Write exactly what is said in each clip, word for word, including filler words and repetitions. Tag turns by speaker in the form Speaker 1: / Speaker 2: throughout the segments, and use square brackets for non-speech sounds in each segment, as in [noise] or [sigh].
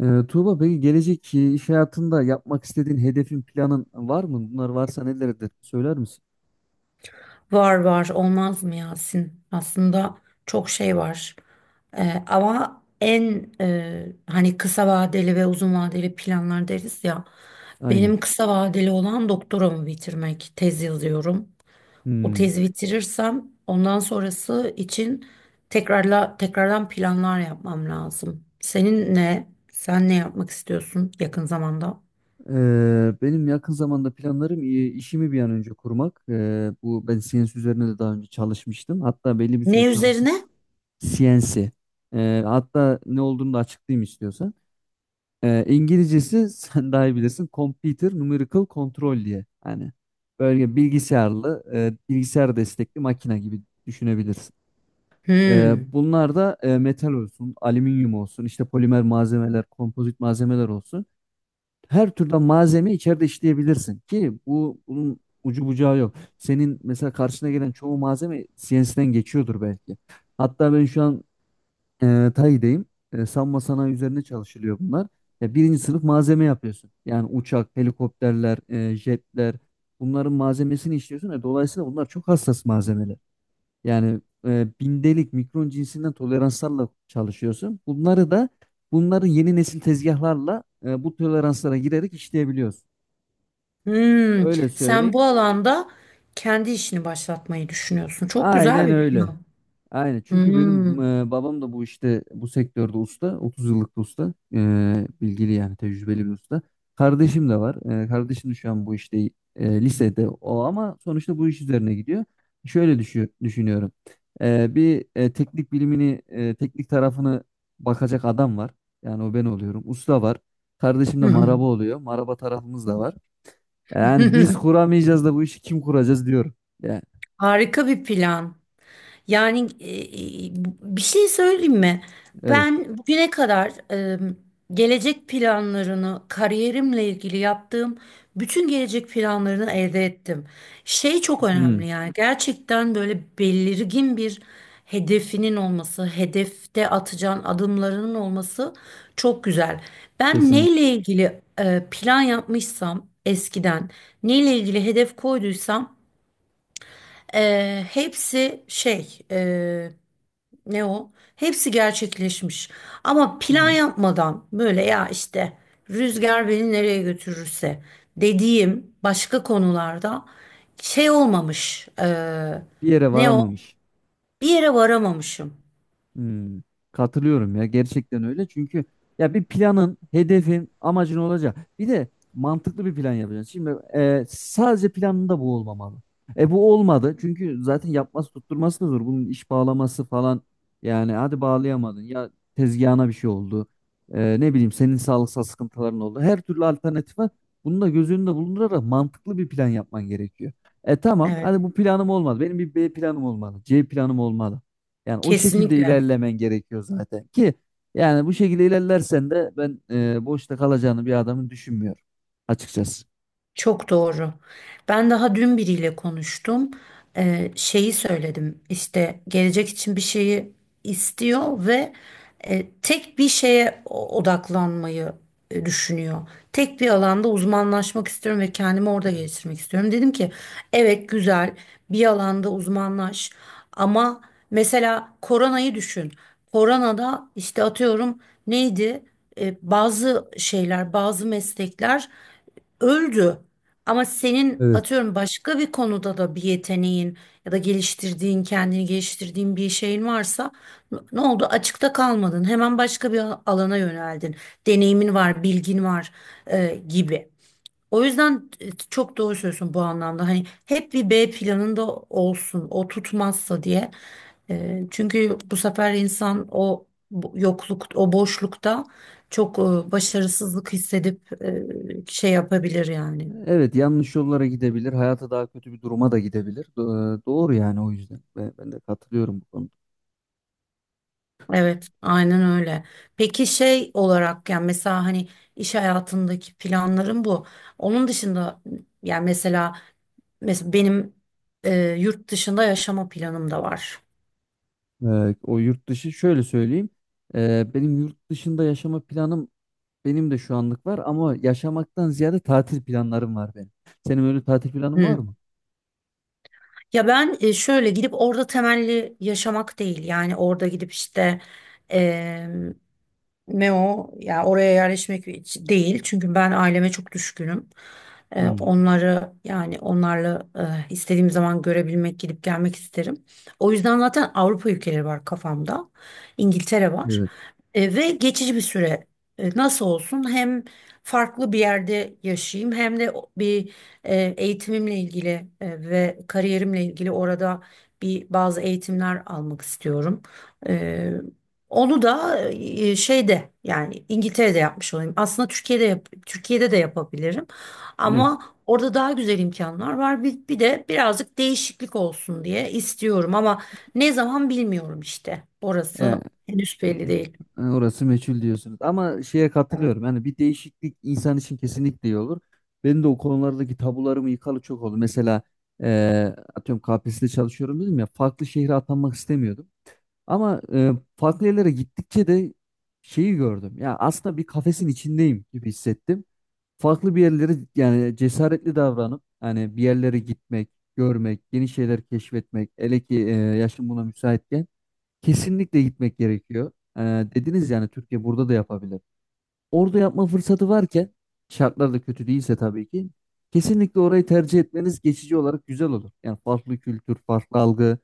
Speaker 1: Ee, Tuğba peki gelecek e, iş hayatında yapmak istediğin hedefin planın var mı? Bunlar varsa nelerdir? Söyler misin?
Speaker 2: Var var olmaz mı Yasin? Aslında çok şey var. Ee, ama en e, hani kısa vadeli ve uzun vadeli planlar deriz ya.
Speaker 1: Aynen.
Speaker 2: Benim kısa vadeli olan doktoramı bitirmek. Tez yazıyorum. O
Speaker 1: Hmm.
Speaker 2: tezi bitirirsem ondan sonrası için tekrarla tekrardan planlar yapmam lazım. Senin ne? Sen ne yapmak istiyorsun yakın zamanda?
Speaker 1: Ee, benim yakın zamanda planlarım e, işimi bir an önce kurmak. Ee, bu ben C N C üzerine de daha önce çalışmıştım. Hatta belli bir süre
Speaker 2: Ne
Speaker 1: çalıştım.
Speaker 2: üzerine?
Speaker 1: C N C. Ee, hatta ne olduğunu da açıklayayım istiyorsan. Ee, İngilizcesi [laughs] sen daha iyi bilirsin. Computer Numerical Control diye. Yani böyle bilgisayarlı, e, bilgisayar destekli makine gibi düşünebilirsin. Ee,
Speaker 2: Hmm.
Speaker 1: bunlar da e, metal olsun, alüminyum olsun, işte polimer malzemeler, kompozit malzemeler olsun. Her türden malzeme içeride işleyebilirsin ki bu bunun ucu bucağı yok. Senin mesela karşına gelen çoğu malzeme C N C'den geçiyordur belki. Hatta ben şu an e, T A I'deyim. E, savunma sanayi üzerine çalışılıyor bunlar. Ya birinci sınıf malzeme yapıyorsun. Yani uçak, helikopterler, e, jetler bunların malzemesini işliyorsun. E, dolayısıyla bunlar çok hassas malzemeler. Yani e, bindelik, mikron cinsinden toleranslarla çalışıyorsun. Bunları da bunları yeni nesil tezgahlarla e, bu toleranslara girerek işleyebiliyorsun.
Speaker 2: Hmm,
Speaker 1: Öyle
Speaker 2: sen
Speaker 1: söyleyeyim.
Speaker 2: bu alanda kendi işini başlatmayı düşünüyorsun. Çok güzel
Speaker 1: Aynen
Speaker 2: bir
Speaker 1: öyle.
Speaker 2: plan.
Speaker 1: Aynen çünkü benim
Speaker 2: Hmm.
Speaker 1: e, babam da bu işte bu sektörde usta, otuz yıllık bir usta. E, bilgili yani tecrübeli bir usta. Kardeşim de var. E, kardeşim de şu an bu işte, e, lisede o ama sonuçta bu iş üzerine gidiyor. Şöyle düşü- düşünüyorum. E, bir e, teknik bilimini e, teknik tarafını bakacak adam var, yani o ben oluyorum, usta var, kardeşim de maraba oluyor, maraba tarafımız da var. Yani biz
Speaker 2: [laughs]
Speaker 1: kuramayacağız da bu işi kim kuracağız diyorum. Yani,
Speaker 2: Harika bir plan. Yani e, e, bir şey söyleyeyim mi?
Speaker 1: evet.
Speaker 2: Ben bugüne kadar e, gelecek planlarını, kariyerimle ilgili yaptığım bütün gelecek planlarını elde ettim. Şey çok
Speaker 1: Hmm,
Speaker 2: önemli yani gerçekten böyle belirgin bir hedefinin olması, hedefte atacağın adımlarının olması çok güzel. Ben
Speaker 1: kesinlikle.
Speaker 2: neyle ilgili e, plan yapmışsam eskiden, neyle ilgili hedef koyduysam e, hepsi şey... e, ne o? Hepsi gerçekleşmiş. Ama plan yapmadan böyle ya işte rüzgar beni nereye götürürse dediğim başka konularda şey olmamış. Eee,
Speaker 1: Bir yere
Speaker 2: ne o?
Speaker 1: varamamış.
Speaker 2: Bir yere varamamışım.
Speaker 1: Hmm, katılıyorum ya, gerçekten öyle çünkü ya bir planın, hedefin, amacın olacak. Bir de mantıklı bir plan yapacaksın. Şimdi e, sadece planında bu olmamalı. E bu olmadı çünkü zaten yapması tutturması da zor. Bunun iş bağlaması falan, yani hadi bağlayamadın, ya tezgahına bir şey oldu. E, ne bileyim senin sağlıksal sıkıntıların oldu. Her türlü alternatif var. Bunu da göz önünde bulundurarak mantıklı bir plan yapman gerekiyor. E tamam,
Speaker 2: Evet,
Speaker 1: hadi bu planım olmadı. Benim bir B planım olmalı, C planım olmalı. Yani o şekilde
Speaker 2: kesinlikle.
Speaker 1: ilerlemen gerekiyor zaten ki yani bu şekilde ilerlersen de ben e, boşta kalacağını bir adamın düşünmüyorum açıkçası.
Speaker 2: Çok doğru. Ben daha dün biriyle konuştum. Ee, şeyi söyledim. İşte gelecek için bir şeyi istiyor ve e, tek bir şeye o- odaklanmayı e, düşünüyor. Tek bir alanda uzmanlaşmak istiyorum ve kendimi orada geliştirmek istiyorum. Dedim ki evet güzel bir alanda uzmanlaş ama mesela koronayı düşün. Koronada işte atıyorum neydi? E, bazı şeyler, bazı meslekler öldü. Ama senin
Speaker 1: Evet.
Speaker 2: atıyorum başka bir konuda da bir yeteneğin ya da geliştirdiğin, kendini geliştirdiğin bir şeyin varsa n- ne oldu? Açıkta kalmadın. Hemen başka bir al- alana yöneldin. Deneyimin var, bilgin var e, gibi. O yüzden e, çok doğru söylüyorsun bu anlamda. Hani hep bir B planında olsun, o tutmazsa diye. E, çünkü bu sefer insan o bu- yokluk, o boşlukta çok e, başarısızlık hissedip e, şey yapabilir yani.
Speaker 1: Evet, yanlış yollara gidebilir. Hayata daha kötü bir duruma da gidebilir. Do- e, Doğru yani, o yüzden. Ben, ben de katılıyorum bu konuda.
Speaker 2: Evet, aynen öyle. Peki şey olarak yani mesela hani iş hayatındaki planlarım bu. Onun dışında yani mesela mesela benim e, yurt dışında yaşama planım da var.
Speaker 1: Ee, o yurt dışı şöyle söyleyeyim. Ee, benim yurt dışında yaşama planım. Benim de şu anlık var ama yaşamaktan ziyade tatil planlarım var benim. Senin öyle tatil planın var
Speaker 2: Hmm.
Speaker 1: mı?
Speaker 2: Ya ben e, şöyle gidip orada temelli yaşamak değil yani orada gidip işte ne o? Ya oraya yerleşmek hiç değil. Çünkü ben aileme çok düşkünüm. Ee,
Speaker 1: Hmm,
Speaker 2: onları yani onlarla e, istediğim zaman görebilmek, gidip gelmek isterim. O yüzden zaten Avrupa ülkeleri var kafamda. İngiltere var.
Speaker 1: evet.
Speaker 2: E, ve geçici bir süre e, nasıl olsun hem farklı bir yerde yaşayayım hem de o- bir e, eğitimimle ilgili e, ve kariyerimle ilgili orada bir bazı eğitimler almak istiyorum. E, onu da e, şeyde yani İngiltere'de yapmış olayım. Aslında Türkiye'de yap- Türkiye'de de yapabilirim.
Speaker 1: Evet.
Speaker 2: Ama orada daha güzel imkanlar var. Bir, bir de birazcık değişiklik olsun diye istiyorum ama ne zaman bilmiyorum işte.
Speaker 1: E,
Speaker 2: Orası henüz belli değil.
Speaker 1: e, orası meçhul diyorsunuz. Ama şeye
Speaker 2: Evet.
Speaker 1: katılıyorum. Yani bir değişiklik insan için kesinlikle iyi olur. Benim de o konulardaki tabularımı yıkalı çok oldu. Mesela e, atıyorum K P S S'de çalışıyorum dedim ya. Farklı şehre atanmak istemiyordum. Ama e, farklı yerlere gittikçe de şeyi gördüm. Ya aslında bir kafesin içindeyim gibi hissettim. Farklı bir yerlere yani cesaretli davranıp hani bir yerlere gitmek, görmek, yeni şeyler keşfetmek, hele ki e, yaşım buna müsaitken kesinlikle gitmek gerekiyor. E, dediniz yani Türkiye burada da yapabilir. Orada yapma fırsatı varken şartlar da kötü değilse tabii ki kesinlikle orayı tercih etmeniz geçici olarak güzel olur. Yani farklı kültür, farklı algı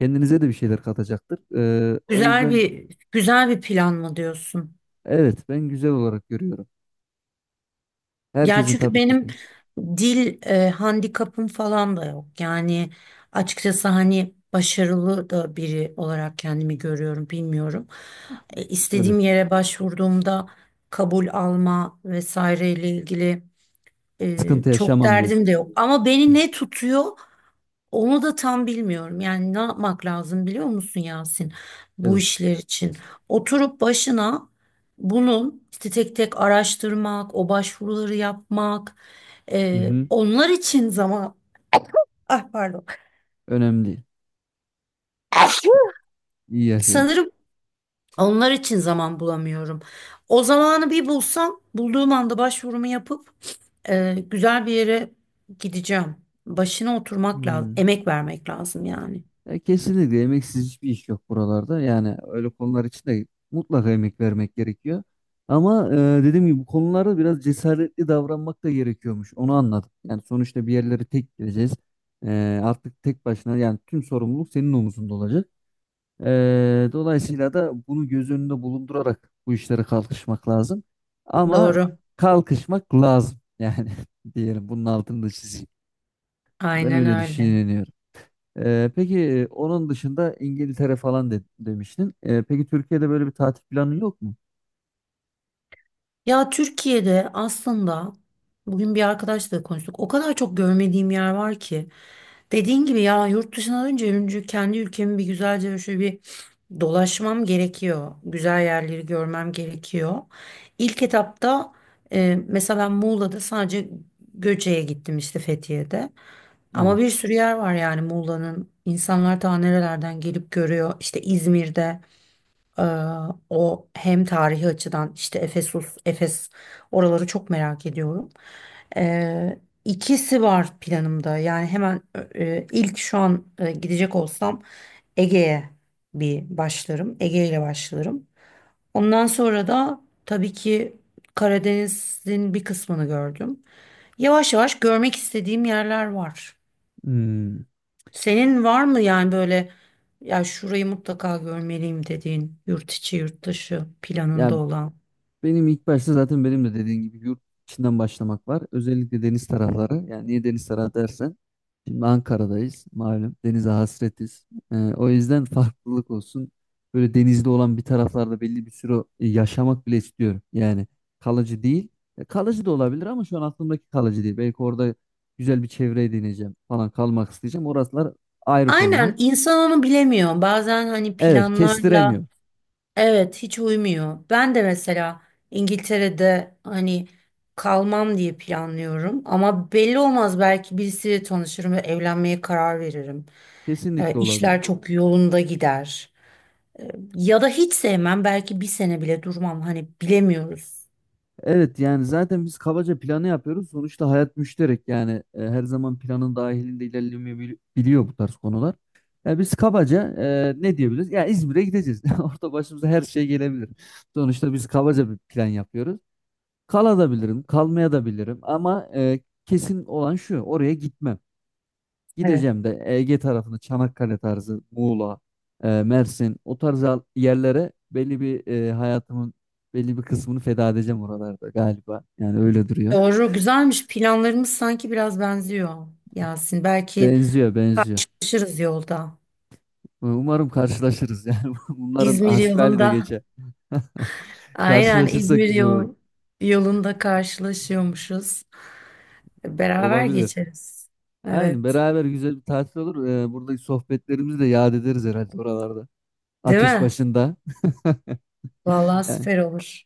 Speaker 1: kendinize de bir şeyler katacaktır. E, o
Speaker 2: Güzel
Speaker 1: yüzden
Speaker 2: bir güzel bir plan mı diyorsun?
Speaker 1: evet, ben güzel olarak görüyorum.
Speaker 2: Ya
Speaker 1: Herkesin
Speaker 2: çünkü
Speaker 1: tabii ki
Speaker 2: benim
Speaker 1: de.
Speaker 2: dil e, handikapım falan da yok. Yani açıkçası hani başarılı da biri olarak kendimi görüyorum, bilmiyorum. E,
Speaker 1: Evet.
Speaker 2: istediğim yere başvurduğumda kabul alma vesaireyle ilgili e,
Speaker 1: Sıkıntı
Speaker 2: çok
Speaker 1: yaşamam
Speaker 2: derdim
Speaker 1: diyorsun.
Speaker 2: de yok. Ama
Speaker 1: Hı,
Speaker 2: beni ne tutuyor? Onu da tam bilmiyorum. Yani ne yapmak lazım biliyor musun Yasin? Bu
Speaker 1: evet.
Speaker 2: işler için. Oturup başına bunun işte tek tek araştırmak, o başvuruları yapmak,
Speaker 1: Hı
Speaker 2: e,
Speaker 1: hı.
Speaker 2: onlar için zaman... Ah pardon.
Speaker 1: Önemli değil. İyi yaşayın.
Speaker 2: Sanırım onlar için zaman bulamıyorum. O zamanı bir bulsam, bulduğum anda başvurumu yapıp e, güzel bir yere gideceğim. Başına oturmak lazım,
Speaker 1: Hmm.
Speaker 2: emek vermek lazım yani.
Speaker 1: Ya kesinlikle emeksiz hiçbir iş yok buralarda. Yani öyle konular için de mutlaka emek vermek gerekiyor. Ama e, dediğim gibi bu konularda biraz cesaretli davranmak da gerekiyormuş. Onu anladım. Yani sonuçta bir yerlere tek gideceğiz. E, artık tek başına yani tüm sorumluluk senin omuzunda olacak. E, dolayısıyla da bunu göz önünde bulundurarak bu işlere kalkışmak lazım. Ama
Speaker 2: Doğru.
Speaker 1: kalkışmak lazım. Yani [laughs] diyelim, bunun altını da çizeyim. Ben
Speaker 2: Aynen
Speaker 1: öyle
Speaker 2: öyle.
Speaker 1: düşünüyorum. Ee, peki e, onun dışında İngiltere falan de- demiştin. Ee, peki Türkiye'de böyle bir tatil planı yok mu?
Speaker 2: Ya Türkiye'de aslında bugün bir arkadaşla da konuştuk. O kadar çok görmediğim yer var ki. Dediğin gibi ya yurt dışına dönünce önce kendi ülkemi bir güzelce şöyle bir dolaşmam gerekiyor. Güzel yerleri görmem gerekiyor. İlk etapta e, mesela ben Muğla'da sadece Göce'ye gittim işte Fethiye'de. Ama
Speaker 1: Evet.
Speaker 2: bir sürü yer var yani Muğla'nın. İnsanlar daha nerelerden gelip görüyor. İşte İzmir'de. Ee, o hem tarihi açıdan işte Efesus, Efes oraları çok merak ediyorum. Ee, ikisi var planımda. Yani hemen e, ilk şu an e, gidecek olsam Ege'ye bir başlarım. Ege ile başlarım. Ondan sonra da tabii ki Karadeniz'in bir kısmını gördüm. Yavaş yavaş görmek istediğim yerler var.
Speaker 1: Hmm.
Speaker 2: Senin var mı yani böyle ya şurayı mutlaka görmeliyim dediğin yurt içi yurt dışı planında
Speaker 1: Ya
Speaker 2: olan?
Speaker 1: benim ilk başta zaten benim de dediğin gibi yurt içinden başlamak var. Özellikle deniz tarafları. Yani niye deniz tarafı dersen, şimdi Ankara'dayız malum, denize hasretiz. Ee, o yüzden farklılık olsun. Böyle denizde olan bir taraflarda belli bir süre e, yaşamak bile istiyorum. Yani kalıcı değil. E, Kalıcı da olabilir ama şu an aklımdaki kalıcı değil. Belki orada güzel bir çevre edineceğim falan, kalmak isteyeceğim. Orasılar ayrı konular.
Speaker 2: Aynen insan onu bilemiyor. Bazen hani
Speaker 1: Evet,
Speaker 2: planlarla
Speaker 1: kestiremiyor.
Speaker 2: evet hiç uymuyor. Ben de mesela İngiltere'de hani kalmam diye planlıyorum ama belli olmaz belki birisiyle tanışırım ve evlenmeye karar veririm. Ee,
Speaker 1: Kesinlikle olabilir.
Speaker 2: işler çok yolunda gider. Ya da hiç sevmem belki bir sene bile durmam hani bilemiyoruz.
Speaker 1: Evet yani zaten biz kabaca planı yapıyoruz. Sonuçta hayat müşterek, yani e, her zaman planın dahilinde ilerlemeyebiliyor bu tarz konular. Ya biz kabaca e, ne diyebiliriz? Ya İzmir'e gideceğiz. [laughs] Orada başımıza her şey gelebilir. Sonuçta biz kabaca bir plan yapıyoruz. Kalabilirim, kalmaya da bilirim ama e, kesin olan şu, oraya gitmem.
Speaker 2: Evet.
Speaker 1: Gideceğim de Ege tarafını, Çanakkale tarzı, Muğla, e, Mersin o tarz al- yerlere belli bir e, hayatımın belli bir kısmını feda edeceğim oralarda galiba. Yani öyle duruyor.
Speaker 2: Doğru, güzelmiş. Planlarımız sanki biraz benziyor Yasin. Belki
Speaker 1: Benziyor, benziyor.
Speaker 2: karşılaşırız yolda.
Speaker 1: Umarım karşılaşırız yani. [laughs] Bunların
Speaker 2: İzmir
Speaker 1: hasbihali de
Speaker 2: yolunda.
Speaker 1: geçer. [laughs]
Speaker 2: Aynen
Speaker 1: Karşılaşırsak
Speaker 2: İzmir
Speaker 1: güzel olur.
Speaker 2: yol, yolunda karşılaşıyormuşuz. Beraber
Speaker 1: Olabilir.
Speaker 2: geçeriz.
Speaker 1: Aynen,
Speaker 2: Evet.
Speaker 1: beraber güzel bir tatil olur. Ee, buradaki sohbetlerimizi de yad ederiz herhalde oralarda.
Speaker 2: Değil
Speaker 1: Ateş
Speaker 2: mi?
Speaker 1: başında. [laughs]
Speaker 2: Vallahi
Speaker 1: Yani
Speaker 2: süper olur.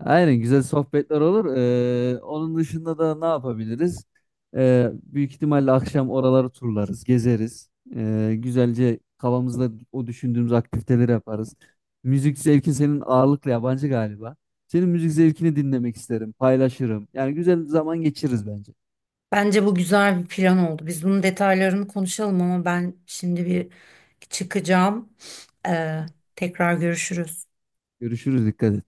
Speaker 1: aynen, güzel sohbetler olur. Ee, onun dışında da ne yapabiliriz? Ee, büyük ihtimalle akşam oraları turlarız, gezeriz. Ee, güzelce kafamızda o düşündüğümüz aktiviteleri yaparız. Müzik zevkin senin ağırlıklı yabancı galiba. Senin müzik zevkini dinlemek isterim, paylaşırım. Yani güzel zaman geçiririz bence.
Speaker 2: Bence bu güzel bir plan oldu. Biz bunun detaylarını konuşalım ama ben şimdi bir çıkacağım. Ee, tekrar görüşürüz.
Speaker 1: Görüşürüz, dikkat et.